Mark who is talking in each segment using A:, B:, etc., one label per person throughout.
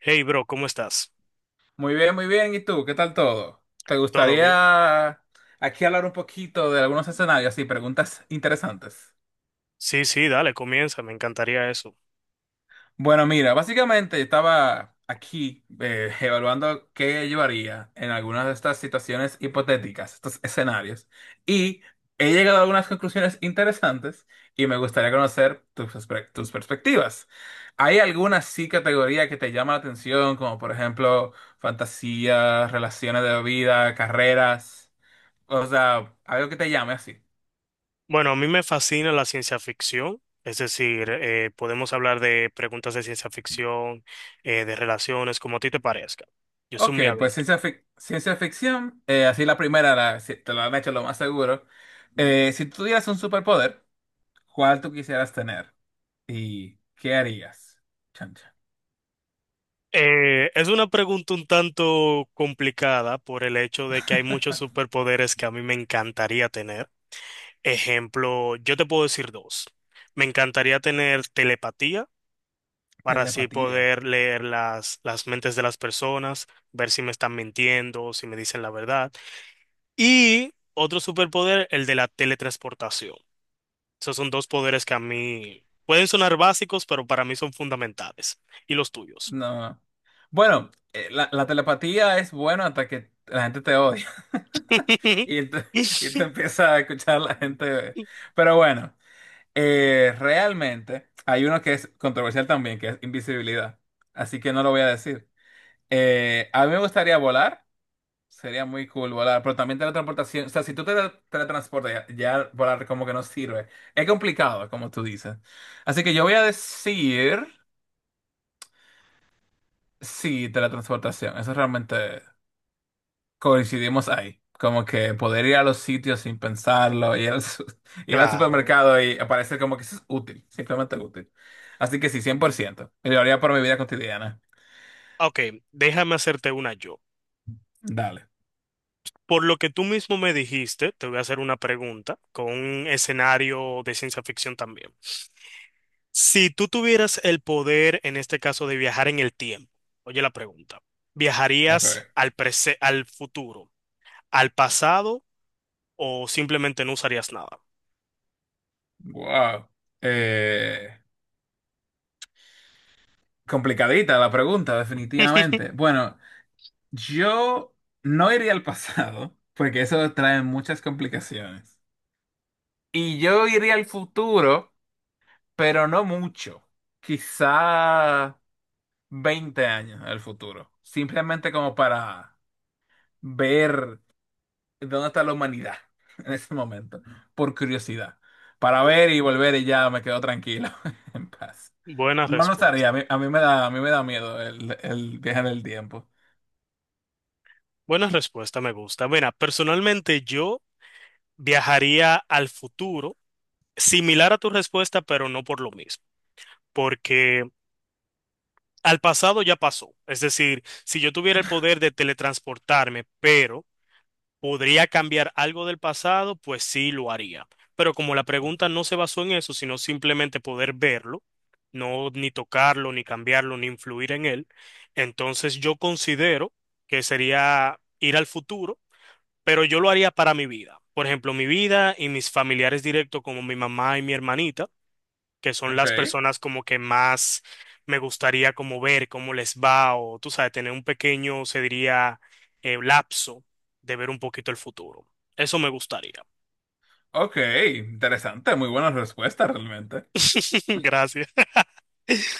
A: Hey, bro, ¿cómo estás?
B: Muy bien, muy bien. ¿Y tú? ¿Qué tal todo? ¿Te
A: ¿Todo bien?
B: gustaría aquí hablar un poquito de algunos escenarios y preguntas interesantes?
A: Sí, sí, dale, comienza, me encantaría eso.
B: Bueno, mira, básicamente yo estaba aquí evaluando qué llevaría en algunas de estas situaciones hipotéticas, estos escenarios, y he llegado a algunas conclusiones interesantes y me gustaría conocer tus perspectivas. ¿Hay alguna sí categoría que te llama la atención, como por ejemplo fantasía, relaciones de vida, carreras? O sea, algo que te llame así.
A: Bueno, a mí me fascina la ciencia ficción, es decir, podemos hablar de preguntas de ciencia ficción, de relaciones, como a ti te parezca. Yo soy
B: Ok,
A: muy
B: pues
A: abierto.
B: ciencia ficción, así la primera, si te lo han hecho lo más seguro. Si tú tuvieras un superpoder, ¿cuál tú quisieras tener? ¿Y qué harías? Chancha.
A: Es una pregunta un tanto complicada por el hecho de que hay muchos superpoderes que a mí me encantaría tener. Ejemplo, yo te puedo decir dos. Me encantaría tener telepatía para así
B: Telepatía.
A: poder leer las mentes de las personas, ver si me están mintiendo o si me dicen la verdad. Y otro superpoder, el de la teletransportación. Esos son dos poderes que a mí pueden sonar básicos, pero para mí son fundamentales. ¿Y los tuyos?
B: No. Bueno, la telepatía es bueno hasta que la gente te odia. Y te, y te empieza a escuchar la gente. Pero bueno. Realmente hay uno que es controversial también, que es invisibilidad. Así que no lo voy a decir. A mí me gustaría volar. Sería muy cool volar, pero también teletransportación. O sea, si tú te teletransportas, ya, ya volar como que no sirve. Es complicado, como tú dices. Así que yo voy a decir, sí, teletransportación. Eso realmente coincidimos ahí. Como que poder ir a los sitios sin pensarlo, ir al
A: Claro.
B: supermercado y aparecer como que eso es útil, simplemente útil. Así que sí, 100%. Y lo haría por mi vida cotidiana.
A: Ok, déjame hacerte una yo.
B: Dale.
A: Por lo que tú mismo me dijiste, te voy a hacer una pregunta con un escenario de ciencia ficción también. Si tú tuvieras el poder, en este caso, de viajar en el tiempo, oye la pregunta, ¿viajarías
B: Ok.
A: al al futuro, al pasado o simplemente no usarías nada?
B: Wow. Eh, Complicadita la pregunta, definitivamente. Bueno, yo no iría al pasado, porque eso trae muchas complicaciones. Y yo iría al futuro, pero no mucho. Quizá. 20 años al futuro, simplemente como para ver dónde está la humanidad en ese momento, por curiosidad, para
A: Bu-
B: ver y volver y ya me quedo tranquilo, en paz.
A: Buena
B: No lo sabría,
A: respuesta.
B: a mí me da, a mí me da miedo el viaje en el tiempo.
A: Buena respuesta, me gusta. Mira, personalmente yo viajaría al futuro, similar a tu respuesta, pero no por lo mismo, porque al pasado ya pasó. Es decir, si yo tuviera el poder de teletransportarme, pero ¿podría cambiar algo del pasado? Pues sí, lo haría. Pero como la pregunta no se basó en eso, sino simplemente poder verlo, no ni tocarlo, ni cambiarlo, ni influir en él, entonces yo considero que sería ir al futuro, pero yo lo haría para mi vida. Por ejemplo, mi vida y mis familiares directos como mi mamá y mi hermanita que son
B: Ok,
A: las personas como que más me gustaría como ver cómo les va o tú sabes, tener un pequeño, se diría, lapso de ver un poquito el futuro. Eso me gustaría.
B: ok, interesante, muy buena respuesta realmente.
A: Gracias.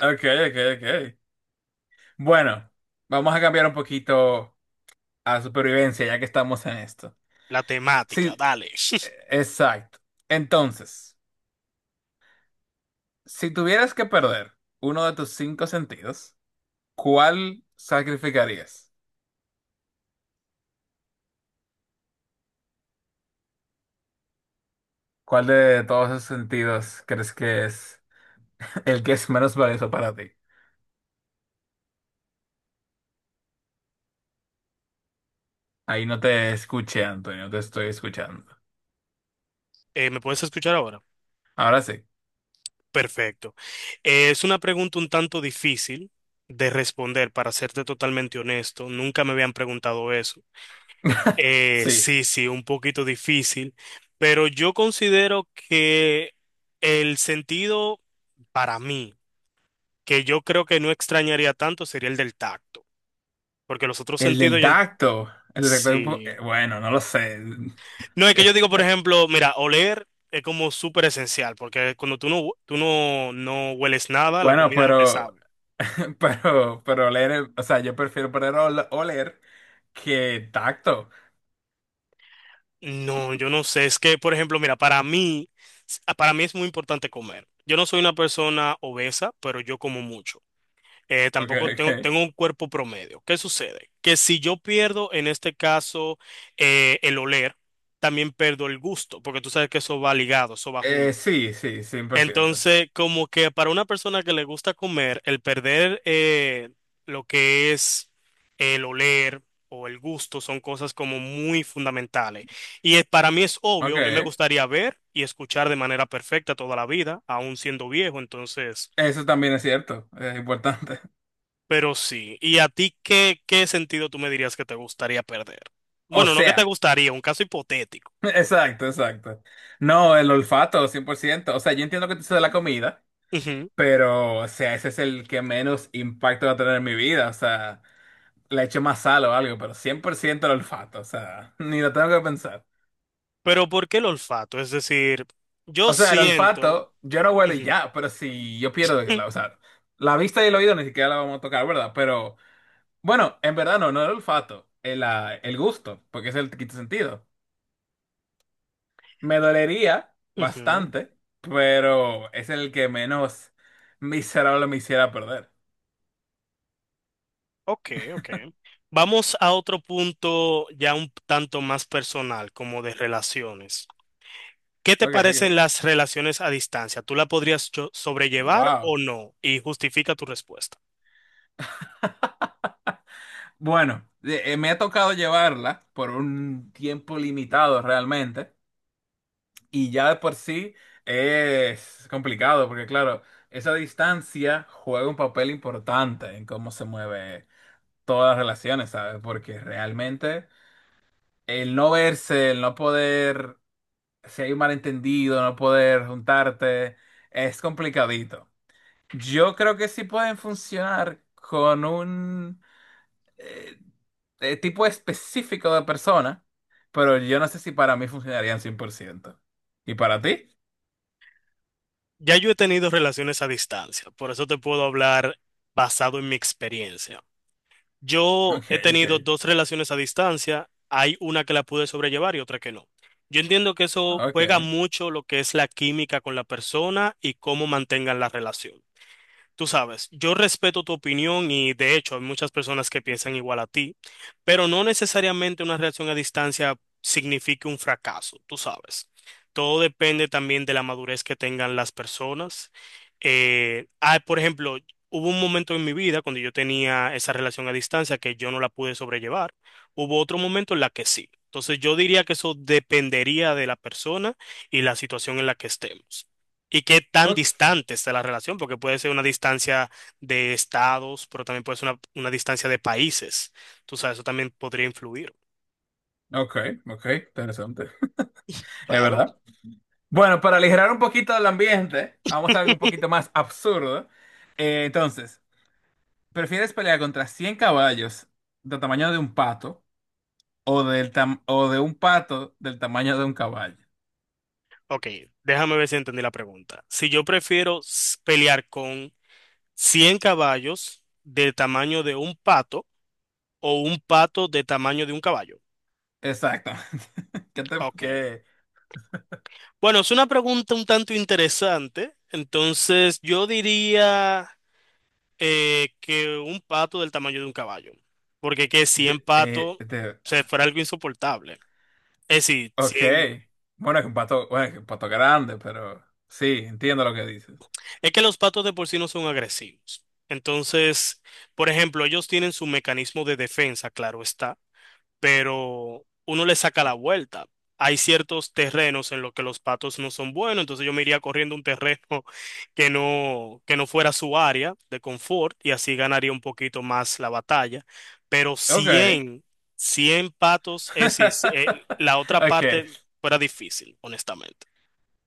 B: Ok, ok, ok. Bueno, vamos a cambiar un poquito a supervivencia ya que estamos en esto.
A: La temática,
B: Sí,
A: dale.
B: exacto. Entonces, si tuvieras que perder uno de tus cinco sentidos, ¿cuál sacrificarías? ¿Cuál de todos esos sentidos crees que es el que es menos valioso para ti? Ahí no te escuché, Antonio, no te estoy escuchando.
A: ¿Me puedes escuchar ahora?
B: Ahora sí.
A: Perfecto. Es una pregunta un tanto difícil de responder, para serte totalmente honesto. Nunca me habían preguntado eso.
B: Sí.
A: Sí, sí, un poquito difícil, pero yo considero que el sentido para mí, que yo creo que no extrañaría tanto, sería el del tacto, porque los otros
B: El
A: sentidos,
B: del
A: yo
B: tacto. El del tacto es.
A: sí.
B: Bueno, no lo sé.
A: No, es que yo digo, por ejemplo, mira, oler es como súper esencial, porque cuando tú no, no hueles nada, la
B: Bueno,
A: comida no te sabe.
B: pero oler, o sea, yo prefiero perder oler que tacto.
A: No, yo no sé, es que, por ejemplo, mira, para mí, para mí es muy importante comer. Yo no soy una persona obesa, pero yo como mucho.
B: Ok,
A: Tampoco
B: ok.
A: tengo un cuerpo promedio. ¿Qué sucede? Que si yo pierdo, en este caso, el oler, también pierdo el gusto, porque tú sabes que eso va ligado, eso va junto.
B: Sí, sí, 100%.
A: Entonces, como que para una persona que le gusta comer, el perder lo que es el oler o el gusto son cosas como muy fundamentales. Y para mí es obvio, a mí me
B: Ok.
A: gustaría ver y escuchar de manera perfecta toda la vida, aún siendo viejo, entonces...
B: Eso también es cierto, es importante.
A: Pero sí, ¿y a ti qué sentido tú me dirías que te gustaría perder?
B: O
A: Bueno, no que te
B: sea,
A: gustaría, un caso hipotético.
B: exacto, exacto. No, el olfato, 100%. O sea, yo entiendo que te de la comida,
A: Ujú.
B: pero, o sea, ese es el que menos impacto va a tener en mi vida. O sea, le echo más sal o algo, pero 100% el olfato, o sea, ni lo tengo que pensar.
A: Pero ¿por qué el olfato? Es decir, yo
B: O sea, el
A: siento...
B: olfato, yo no huelo y
A: Ujú,
B: ya, pero si yo pierdo,
A: mm,
B: la vista y el oído ni siquiera la vamos a tocar, ¿verdad? Pero, bueno, en verdad no, el olfato, el gusto, porque es el quinto sentido. Me dolería
A: ujú.
B: bastante, pero es el que menos miserable me hiciera perder.
A: Ok, ok. Vamos a otro punto ya un tanto más personal, como de relaciones. ¿Qué te
B: Ok,
A: parecen
B: ok.
A: las relaciones a distancia? ¿Tú la podrías sobrellevar
B: Wow.
A: o no? Y justifica tu respuesta.
B: Bueno, me ha tocado llevarla por un tiempo limitado realmente. Y ya de por sí es complicado, porque claro, esa distancia juega un papel importante en cómo se mueve todas las relaciones, ¿sabes? Porque realmente el no verse, el no poder si hay un malentendido, no poder juntarte, es complicadito. Yo creo que sí pueden funcionar con un eh, tipo específico de persona, pero yo no sé si para mí funcionarían 100%. ¿Y para ti?
A: Ya yo he tenido relaciones a distancia, por eso te puedo hablar basado en mi experiencia. Yo
B: Ok,
A: he
B: ok,
A: tenido dos relaciones a distancia, hay una que la pude sobrellevar y otra que no. Yo entiendo que eso juega
B: ok,
A: mucho lo que es la química con la persona y cómo mantengan la relación. Tú sabes, yo respeto tu opinión y de hecho hay muchas personas que piensan igual a ti, pero no necesariamente una relación a distancia signifique un fracaso, tú sabes. Todo depende también de la madurez que tengan las personas. Por ejemplo, hubo un momento en mi vida cuando yo tenía esa relación a distancia que yo no la pude sobrellevar. Hubo otro momento en la que sí. Entonces yo diría que eso dependería de la persona y la situación en la que estemos y qué tan
B: ok,
A: distante está la relación, porque puede ser una distancia de estados, pero también puede ser una distancia de países. Tú sabes, eso también podría influir.
B: ok, ok, interesante. Es
A: Claro.
B: verdad. Bueno, para aligerar un poquito el ambiente, vamos a algo un poquito más absurdo. Entonces, ¿prefieres pelear contra 100 caballos de tamaño de un pato o de un pato del tamaño de un caballo?
A: Ok, déjame ver si entendí la pregunta. Si yo prefiero pelear con 100 caballos del tamaño de un pato o un pato de tamaño de un caballo.
B: Exactamente. ¿Qué te,
A: Ok.
B: qué-
A: Bueno, es una pregunta un tanto interesante. Entonces, yo diría... que un pato del tamaño de un caballo. Porque que 100 patos, o
B: de-
A: sea, fuera algo insoportable. Es decir,
B: Ok.
A: 100...
B: Bueno, es un pato, bueno, es un pato grande, pero sí, entiendo lo que dices.
A: Es que los patos de por sí no son agresivos. Entonces, por ejemplo, ellos tienen su mecanismo de defensa, claro está. Pero uno le saca la vuelta. Hay ciertos terrenos en los que los patos no son buenos, entonces yo me iría corriendo un terreno que no fuera su área de confort y así ganaría un poquito más la batalla. Pero
B: Ok.
A: 100 patos, es, decir, la otra
B: Ok,
A: parte fuera difícil, honestamente.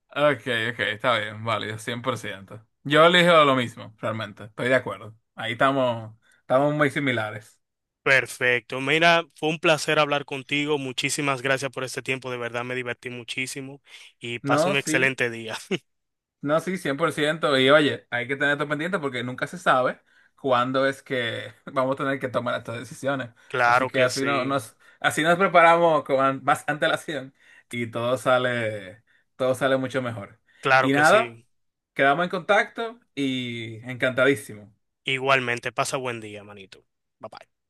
B: ok, ok, está bien, válido, 100%. Yo elijo lo mismo, realmente, estoy de acuerdo. Ahí estamos, estamos muy similares.
A: Perfecto. Mira, fue un placer hablar contigo. Muchísimas gracias por este tiempo. De verdad me divertí muchísimo y
B: No,
A: pasa un
B: sí.
A: excelente día.
B: No, sí, 100%. Y oye, hay que tener esto pendiente porque nunca se sabe cuándo es que vamos a tener que tomar estas decisiones. Así
A: Claro
B: que
A: que
B: así no,
A: sí,
B: nos, así nos preparamos con más antelación y todo sale mucho mejor.
A: claro
B: Y
A: que
B: nada,
A: sí.
B: quedamos en contacto y encantadísimo.
A: Igualmente, pasa buen día, manito. Bye bye.